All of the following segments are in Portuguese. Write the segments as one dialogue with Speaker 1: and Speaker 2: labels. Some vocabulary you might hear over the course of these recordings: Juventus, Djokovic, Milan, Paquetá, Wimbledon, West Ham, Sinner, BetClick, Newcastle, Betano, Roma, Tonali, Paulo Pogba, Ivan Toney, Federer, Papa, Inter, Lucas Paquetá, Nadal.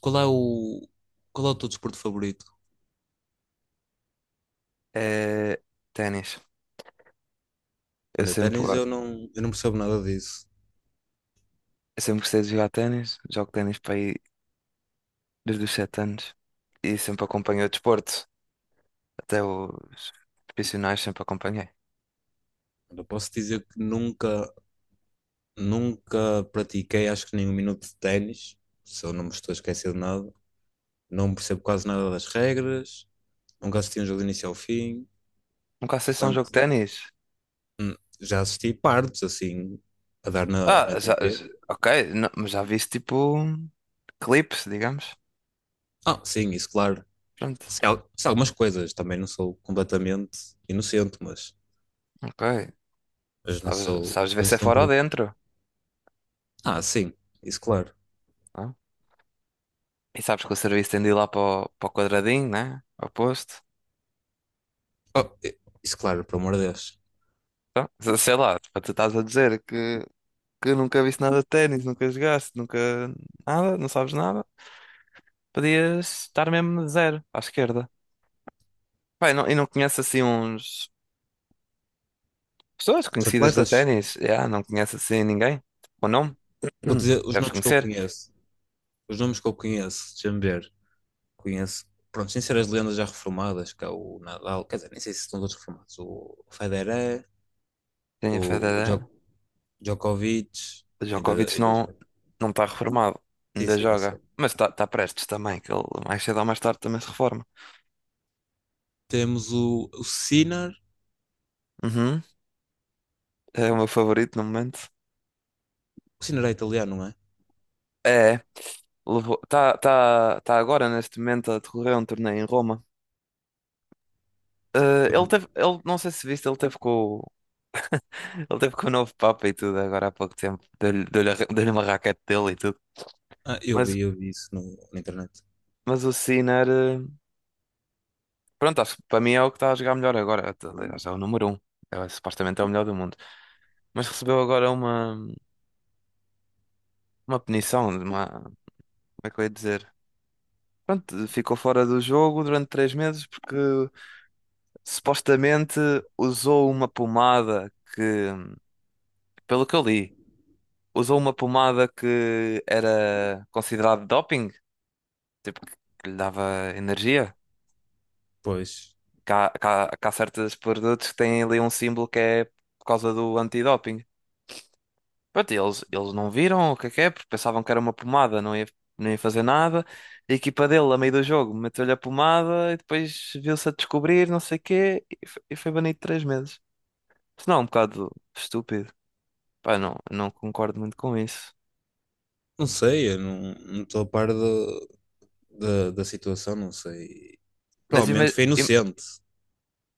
Speaker 1: Qual é o, qual é o teu desporto favorito?
Speaker 2: É, ténis. Eu
Speaker 1: Olha,
Speaker 2: sempre,
Speaker 1: ténis
Speaker 2: go-
Speaker 1: eu não percebo nada disso.
Speaker 2: eu sempre gostei de jogar ténis. Jogo ténis para aí desde os 7 anos. E sempre acompanhei o desporto. Até os profissionais sempre acompanhei.
Speaker 1: Eu posso dizer que nunca pratiquei, acho que nem um minuto de ténis, se eu não me estou a esquecer de nada. Não percebo quase nada das regras, nunca assisti um jogo de início ao fim,
Speaker 2: Nunca sei se é um jogo de
Speaker 1: portanto,
Speaker 2: ténis.
Speaker 1: hum, já assisti partes, assim, a dar na,
Speaker 2: Ah,
Speaker 1: na TV.
Speaker 2: ok. Mas já viste tipo clipes, digamos.
Speaker 1: Ah, sim, isso, claro.
Speaker 2: Pronto,
Speaker 1: Sei algumas coisas, também não sou completamente inocente,
Speaker 2: ok.
Speaker 1: mas não
Speaker 2: Sabes,
Speaker 1: sou.
Speaker 2: sabes ver se
Speaker 1: Mas
Speaker 2: é
Speaker 1: tão
Speaker 2: fora ou
Speaker 1: perigo.
Speaker 2: dentro.
Speaker 1: Ah, sim, isso, claro.
Speaker 2: Não? É? E sabes que o serviço tem de ir lá para o, quadradinho, né? Ao posto.
Speaker 1: Oh, eh, isso, claro, pelo amor de Deus.
Speaker 2: Então, sei lá, tipo, tu estás a dizer que nunca viste nada de ténis, nunca jogaste, nunca nada, não sabes nada. Podias estar mesmo zero à esquerda. Pai, não, e não conheces assim uns pessoas
Speaker 1: Os
Speaker 2: conhecidas de
Speaker 1: atletas,
Speaker 2: ténis? Yeah, não conheces assim ninguém? Ou não?
Speaker 1: vou dizer os
Speaker 2: Deves
Speaker 1: nomes que eu
Speaker 2: conhecer.
Speaker 1: conheço. Os nomes que eu conheço, deixa-me ver. Conheço, pronto, sem ser as lendas já reformadas, que é o Nadal, quer dizer, nem sei se estão todos reformados. O Federer,
Speaker 2: Tem
Speaker 1: o
Speaker 2: Federer.
Speaker 1: Djo- Djokovic,
Speaker 2: O
Speaker 1: ainda,
Speaker 2: Djokovic
Speaker 1: ainda,
Speaker 2: não está reformado.
Speaker 1: sim,
Speaker 2: Ainda
Speaker 1: sim, eu
Speaker 2: joga.
Speaker 1: sei.
Speaker 2: Mas está tá tá prestes também, que ele mais cedo ou mais tarde também se reforma.
Speaker 1: Temos o Sinner.
Speaker 2: Uhum. É o meu favorito no momento.
Speaker 1: O Sinner é italiano, não é?
Speaker 2: É. Tá agora neste momento a decorrer um torneio em Roma. Ele
Speaker 1: Uhum.
Speaker 2: teve, ele, não sei se viste, ele teve ele teve com o novo Papa e tudo agora há pouco tempo. Deu-lhe uma raquete dele e tudo.
Speaker 1: Ah,
Speaker 2: Mas,
Speaker 1: eu vi isso na internet.
Speaker 2: mas o Sinner, pronto, acho que para mim é o que está a jogar melhor agora. Aliás, é o número um. É, supostamente é o melhor do mundo. Mas recebeu agora uma, punição, uma, como é que eu ia dizer? Pronto, ficou fora do jogo durante 3 meses porque supostamente usou uma pomada que pelo que eu li, usou uma pomada que era considerada doping, tipo, que lhe dava energia.
Speaker 1: Pois,
Speaker 2: Que há certos produtos que têm ali um símbolo que é por causa do antidoping. Pronto, e eles não viram o que é, porque pensavam que era uma pomada, não ia fazer nada. E a equipa dele, a meio do jogo, meteu-lhe a pomada e depois viu-se a descobrir, não sei o quê, e foi banido 3 meses. Isso não é um bocado estúpido. Pá, não, concordo muito com isso.
Speaker 1: não sei, eu não estou a par da situação, não sei.
Speaker 2: Mas
Speaker 1: Provavelmente
Speaker 2: imagina.
Speaker 1: foi inocente,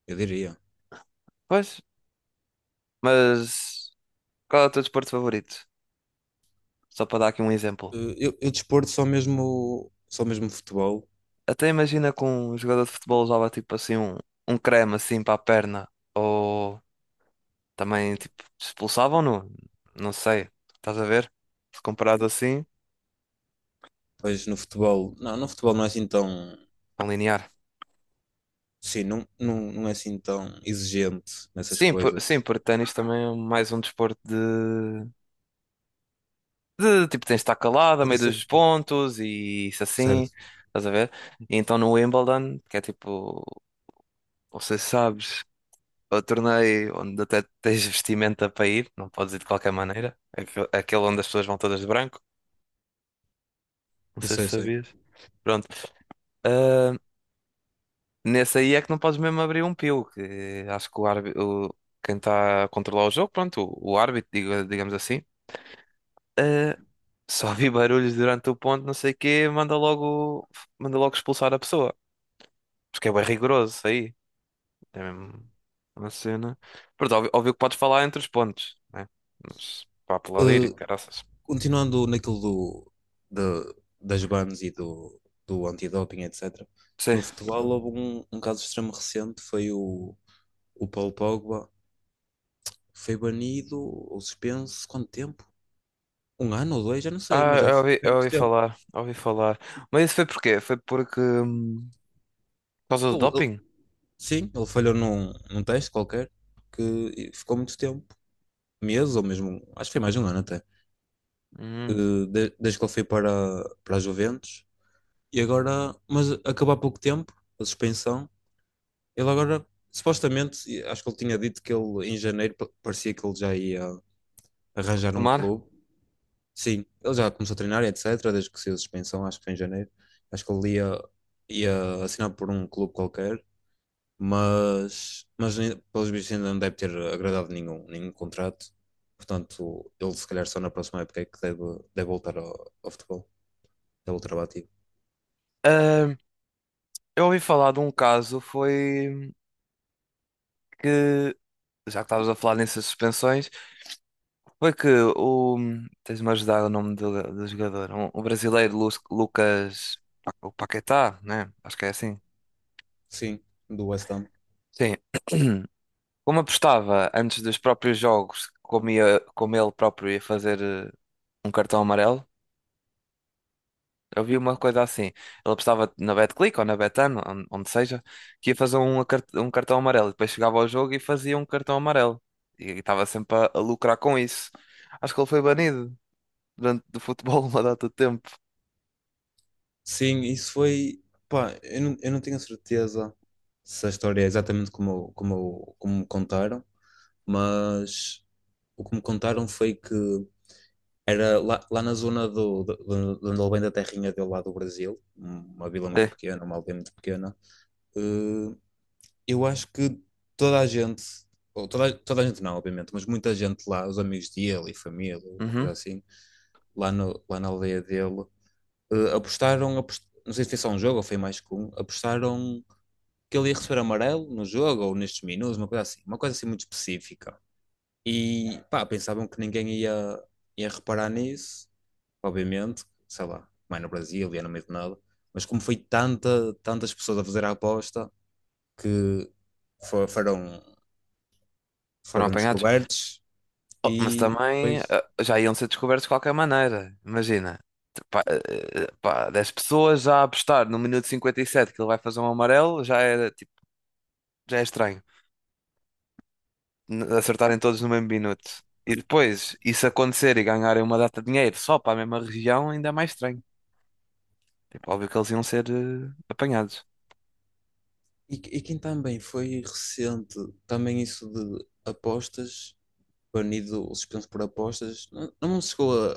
Speaker 1: eu diria.
Speaker 2: Mas qual é o teu desporto favorito? Só para dar aqui um exemplo.
Speaker 1: Eu desporto só mesmo futebol.
Speaker 2: Até imagina que um jogador de futebol usava tipo assim um, creme assim para a perna. Ou também tipo expulsavam-no. Não sei. Estás a ver? Se comparado assim,
Speaker 1: Pois no futebol, não, no futebol não é assim tão,
Speaker 2: tão linear.
Speaker 1: sim, não é assim tão exigente nessas
Speaker 2: Sim, sim,
Speaker 1: coisas.
Speaker 2: porque ténis também é mais um desporto de tipo tens de estar calado a meio
Speaker 1: Condição
Speaker 2: dos pontos e isso assim.
Speaker 1: certo,
Speaker 2: Estás a ver? E então no Wimbledon, que é tipo, não sei se sabes. Ao torneio onde até tens vestimenta para ir, não podes ir de qualquer maneira. Aquele onde as pessoas vão todas de branco, não
Speaker 1: eu
Speaker 2: sei
Speaker 1: sei, eu
Speaker 2: se
Speaker 1: sei.
Speaker 2: sabias. Pronto. Ah, nesse aí é que não podes mesmo abrir um pio, que acho que o árbitro, quem está a controlar o jogo, pronto, o árbitro, digamos assim, ah, só vi barulhos durante o ponto, não sei o quê, manda logo expulsar a pessoa. Porque é bem rigoroso isso aí. É mesmo uma cena. Pronto, óbvio, óbvio que podes falar entre os pontos, né? Mas para aplaudir e
Speaker 1: Eh,
Speaker 2: caraças.
Speaker 1: continuando naquilo da- das bans do antidoping, etc.
Speaker 2: Sim.
Speaker 1: No futebol houve um, um caso extremo recente, foi o Paulo Pogba, foi banido ou suspenso, quanto tempo? Um ano ou dois, já não sei,
Speaker 2: Ah,
Speaker 1: mas já
Speaker 2: eu ouvi,
Speaker 1: foi
Speaker 2: eu
Speaker 1: muito
Speaker 2: ouvi
Speaker 1: tempo.
Speaker 2: falar, ouvi falar. Mas isso foi porquê? Foi porque, por causa do
Speaker 1: Ele- ele-
Speaker 2: doping?
Speaker 1: sim, ele falhou num, num teste qualquer, que ficou muito tempo, meses ou mesmo, acho que foi mais de um ano até,
Speaker 2: Hum,
Speaker 1: desde que ele foi para, para a Juventus. E agora, mas acabou há pouco tempo, a suspensão. Ele agora, supostamente, acho que ele tinha dito que ele em janeiro parecia que ele já ia arranjar um
Speaker 2: tomara.
Speaker 1: clube. Sim, ele já começou a treinar, e etc. Desde que saiu a suspensão, acho que foi em janeiro. Acho que ele ia, ia assinar por um clube qualquer, mas, pelos bichos ainda não deve ter agradado nenhum, nenhum contrato. Portanto, ele se calhar só na próxima época é que deve, deve voltar ao, ao futebol, deve voltar ao ativo.
Speaker 2: Ah, eu ouvi falar de um caso, foi que, já que estavas a falar nessas suspensões, foi que o, tens-me a ajudar o nome do, jogador, um, o brasileiro Lucas, o Paquetá, né? Acho que é assim.
Speaker 1: Sim, do West Ham.
Speaker 2: Sim. Como apostava antes dos próprios jogos, como ele próprio ia fazer um cartão amarelo, eu vi uma coisa assim. Ele apostava na BetClick ou na Betano, onde seja, que ia fazer um cartão amarelo. E depois chegava ao jogo e fazia um cartão amarelo. E estava sempre a lucrar com isso. Acho que ele foi banido durante do futebol uma data de tempo.
Speaker 1: Sim, isso foi. Pá, eu não tenho certeza se a história é exatamente como, como, como me contaram, mas o que me contaram foi que era lá, lá na zona de onde ele vem da terrinha dele lá do Brasil, uma vila muito
Speaker 2: É.
Speaker 1: pequena, uma aldeia muito pequena. eh, eu acho que toda a gente, ou toda, toda a gente não, obviamente, mas muita gente lá, os amigos dele e família, uma coisa
Speaker 2: Uhum.
Speaker 1: assim, lá, no, lá na aldeia dele. eh, apostaram, apos- não sei se foi só um jogo ou foi mais que um, apostaram que ele ia receber amarelo no jogo ou nestes minutos, uma coisa assim muito específica. E pá, pensavam que ia reparar nisso, obviamente, sei lá, mais no Brasil, ia no meio de nada, mas como foi tanta, tantas pessoas a fazer a aposta que fo- foram,
Speaker 2: Foram
Speaker 1: foram
Speaker 2: apanhados.
Speaker 1: descobertos
Speaker 2: Oh, mas
Speaker 1: e
Speaker 2: também
Speaker 1: depois.
Speaker 2: já iam ser descobertos de qualquer maneira. Imagina. Pá, pá, 10 pessoas já a apostar no minuto 57 que ele vai fazer um amarelo já era, tipo, já é estranho. Acertarem todos no mesmo minuto. E depois, isso acontecer e ganharem uma data de dinheiro só para a mesma região, ainda é mais estranho. Tipo, óbvio que eles iam ser apanhados.
Speaker 1: E quem também foi recente, também isso de apostas banido, suspenso por apostas. Não, não chegou a,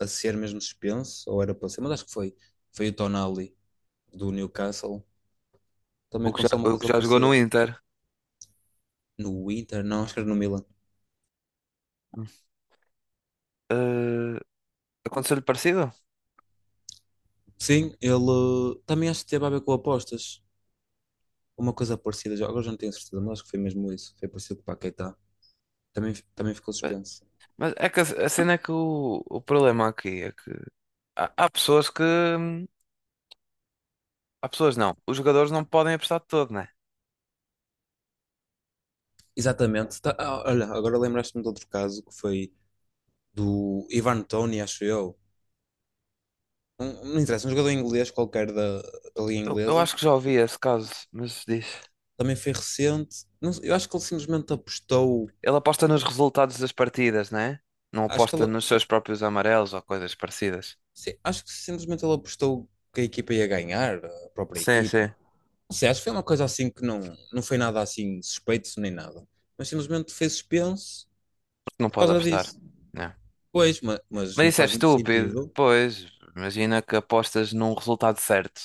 Speaker 1: a, a ser mesmo suspenso, ou era para ser, mas acho que foi. Foi o Tonali do Newcastle. Também
Speaker 2: O que já,
Speaker 1: aconteceu uma
Speaker 2: o que
Speaker 1: coisa
Speaker 2: já jogou no
Speaker 1: parecida.
Speaker 2: Inter.
Speaker 1: No Inter, não, acho que era no Milan.
Speaker 2: Eh, Aconteceu-lhe parecido?
Speaker 1: Sim, ele também acho que teve a ver com apostas. Uma coisa parecida, agora já não tenho certeza, mas acho que foi mesmo isso. Foi parecido com o Paquetá. Também, também ficou
Speaker 2: Eh,
Speaker 1: suspenso.
Speaker 2: Mas é que a, cena é que o problema aqui é que há pessoas que. Há pessoas não. Os jogadores não podem apostar de todo, né?
Speaker 1: Exatamente. Olha, agora lembraste-me de outro caso que foi do Ivan Toney, acho eu. Não interessa, um jogador inglês qualquer da Liga
Speaker 2: Eu
Speaker 1: Inglesa
Speaker 2: acho que já ouvi esse caso, mas diz.
Speaker 1: também foi recente. Não sei, eu acho que ele simplesmente apostou.
Speaker 2: Ele aposta nos resultados das partidas, né? Não
Speaker 1: Acho que,
Speaker 2: aposta
Speaker 1: ele,
Speaker 2: nos seus próprios amarelos ou coisas parecidas.
Speaker 1: sim, acho que simplesmente ele apostou que a equipa ia ganhar, a própria
Speaker 2: Sim,
Speaker 1: equipa.
Speaker 2: sim.
Speaker 1: Não sei, acho que foi uma coisa assim que não, não foi nada assim suspeito nem nada. Mas simplesmente fez suspense
Speaker 2: Porque não
Speaker 1: por
Speaker 2: pode
Speaker 1: causa
Speaker 2: apostar.
Speaker 1: disso.
Speaker 2: Não.
Speaker 1: Pois, mas
Speaker 2: Mas
Speaker 1: não
Speaker 2: isso é
Speaker 1: faz muito
Speaker 2: estúpido.
Speaker 1: sentido.
Speaker 2: Pois, imagina que apostas num resultado certo.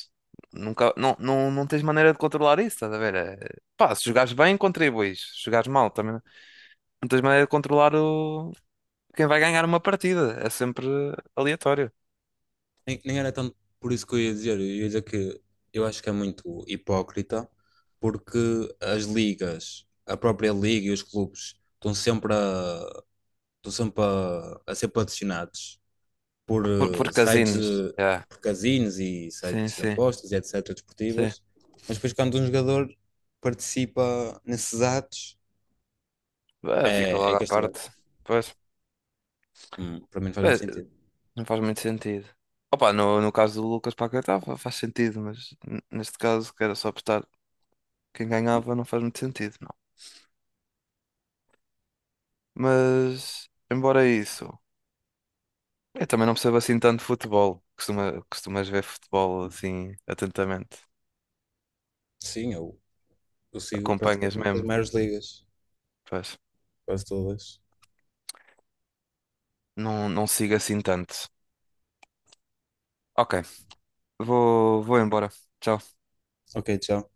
Speaker 2: Nunca, não tens maneira de controlar isso, estás a ver? É, pá, se jogares bem, contribuis. Se jogares mal, também não tens maneira de controlar o... quem vai ganhar uma partida. É sempre aleatório.
Speaker 1: Nem, nem era tanto por isso que eu ia dizer. Eu ia dizer que eu acho que é muito hipócrita, porque as ligas, a própria liga e os clubes estão sempre a, estão sempre a ser patrocinados por
Speaker 2: Por, por
Speaker 1: sites
Speaker 2: casinos.
Speaker 1: de
Speaker 2: Yeah.
Speaker 1: por casinos e
Speaker 2: Sim,
Speaker 1: sites de
Speaker 2: sim,
Speaker 1: apostas e etc.
Speaker 2: sim.
Speaker 1: desportivas. Mas depois, quando um jogador participa nesses atos,
Speaker 2: Ah, fica
Speaker 1: é, é
Speaker 2: logo à
Speaker 1: castigado.
Speaker 2: parte. Pois,
Speaker 1: Para mim não faz muito
Speaker 2: bem,
Speaker 1: sentido.
Speaker 2: não faz muito sentido. Opa, no caso do Lucas Paquetá faz sentido, mas neste caso quero só apostar. Quem ganhava não faz muito sentido, não. Mas, embora isso, eu também não percebo assim tanto de futebol. Costumas ver futebol assim atentamente.
Speaker 1: Sim, eu sigo
Speaker 2: Acompanhas
Speaker 1: praticamente as
Speaker 2: mesmo,
Speaker 1: maiores ligas,
Speaker 2: pois.
Speaker 1: quase todas.
Speaker 2: Não, não sigo assim tanto. Ok, vou embora. Tchau.
Speaker 1: Ok, tchau.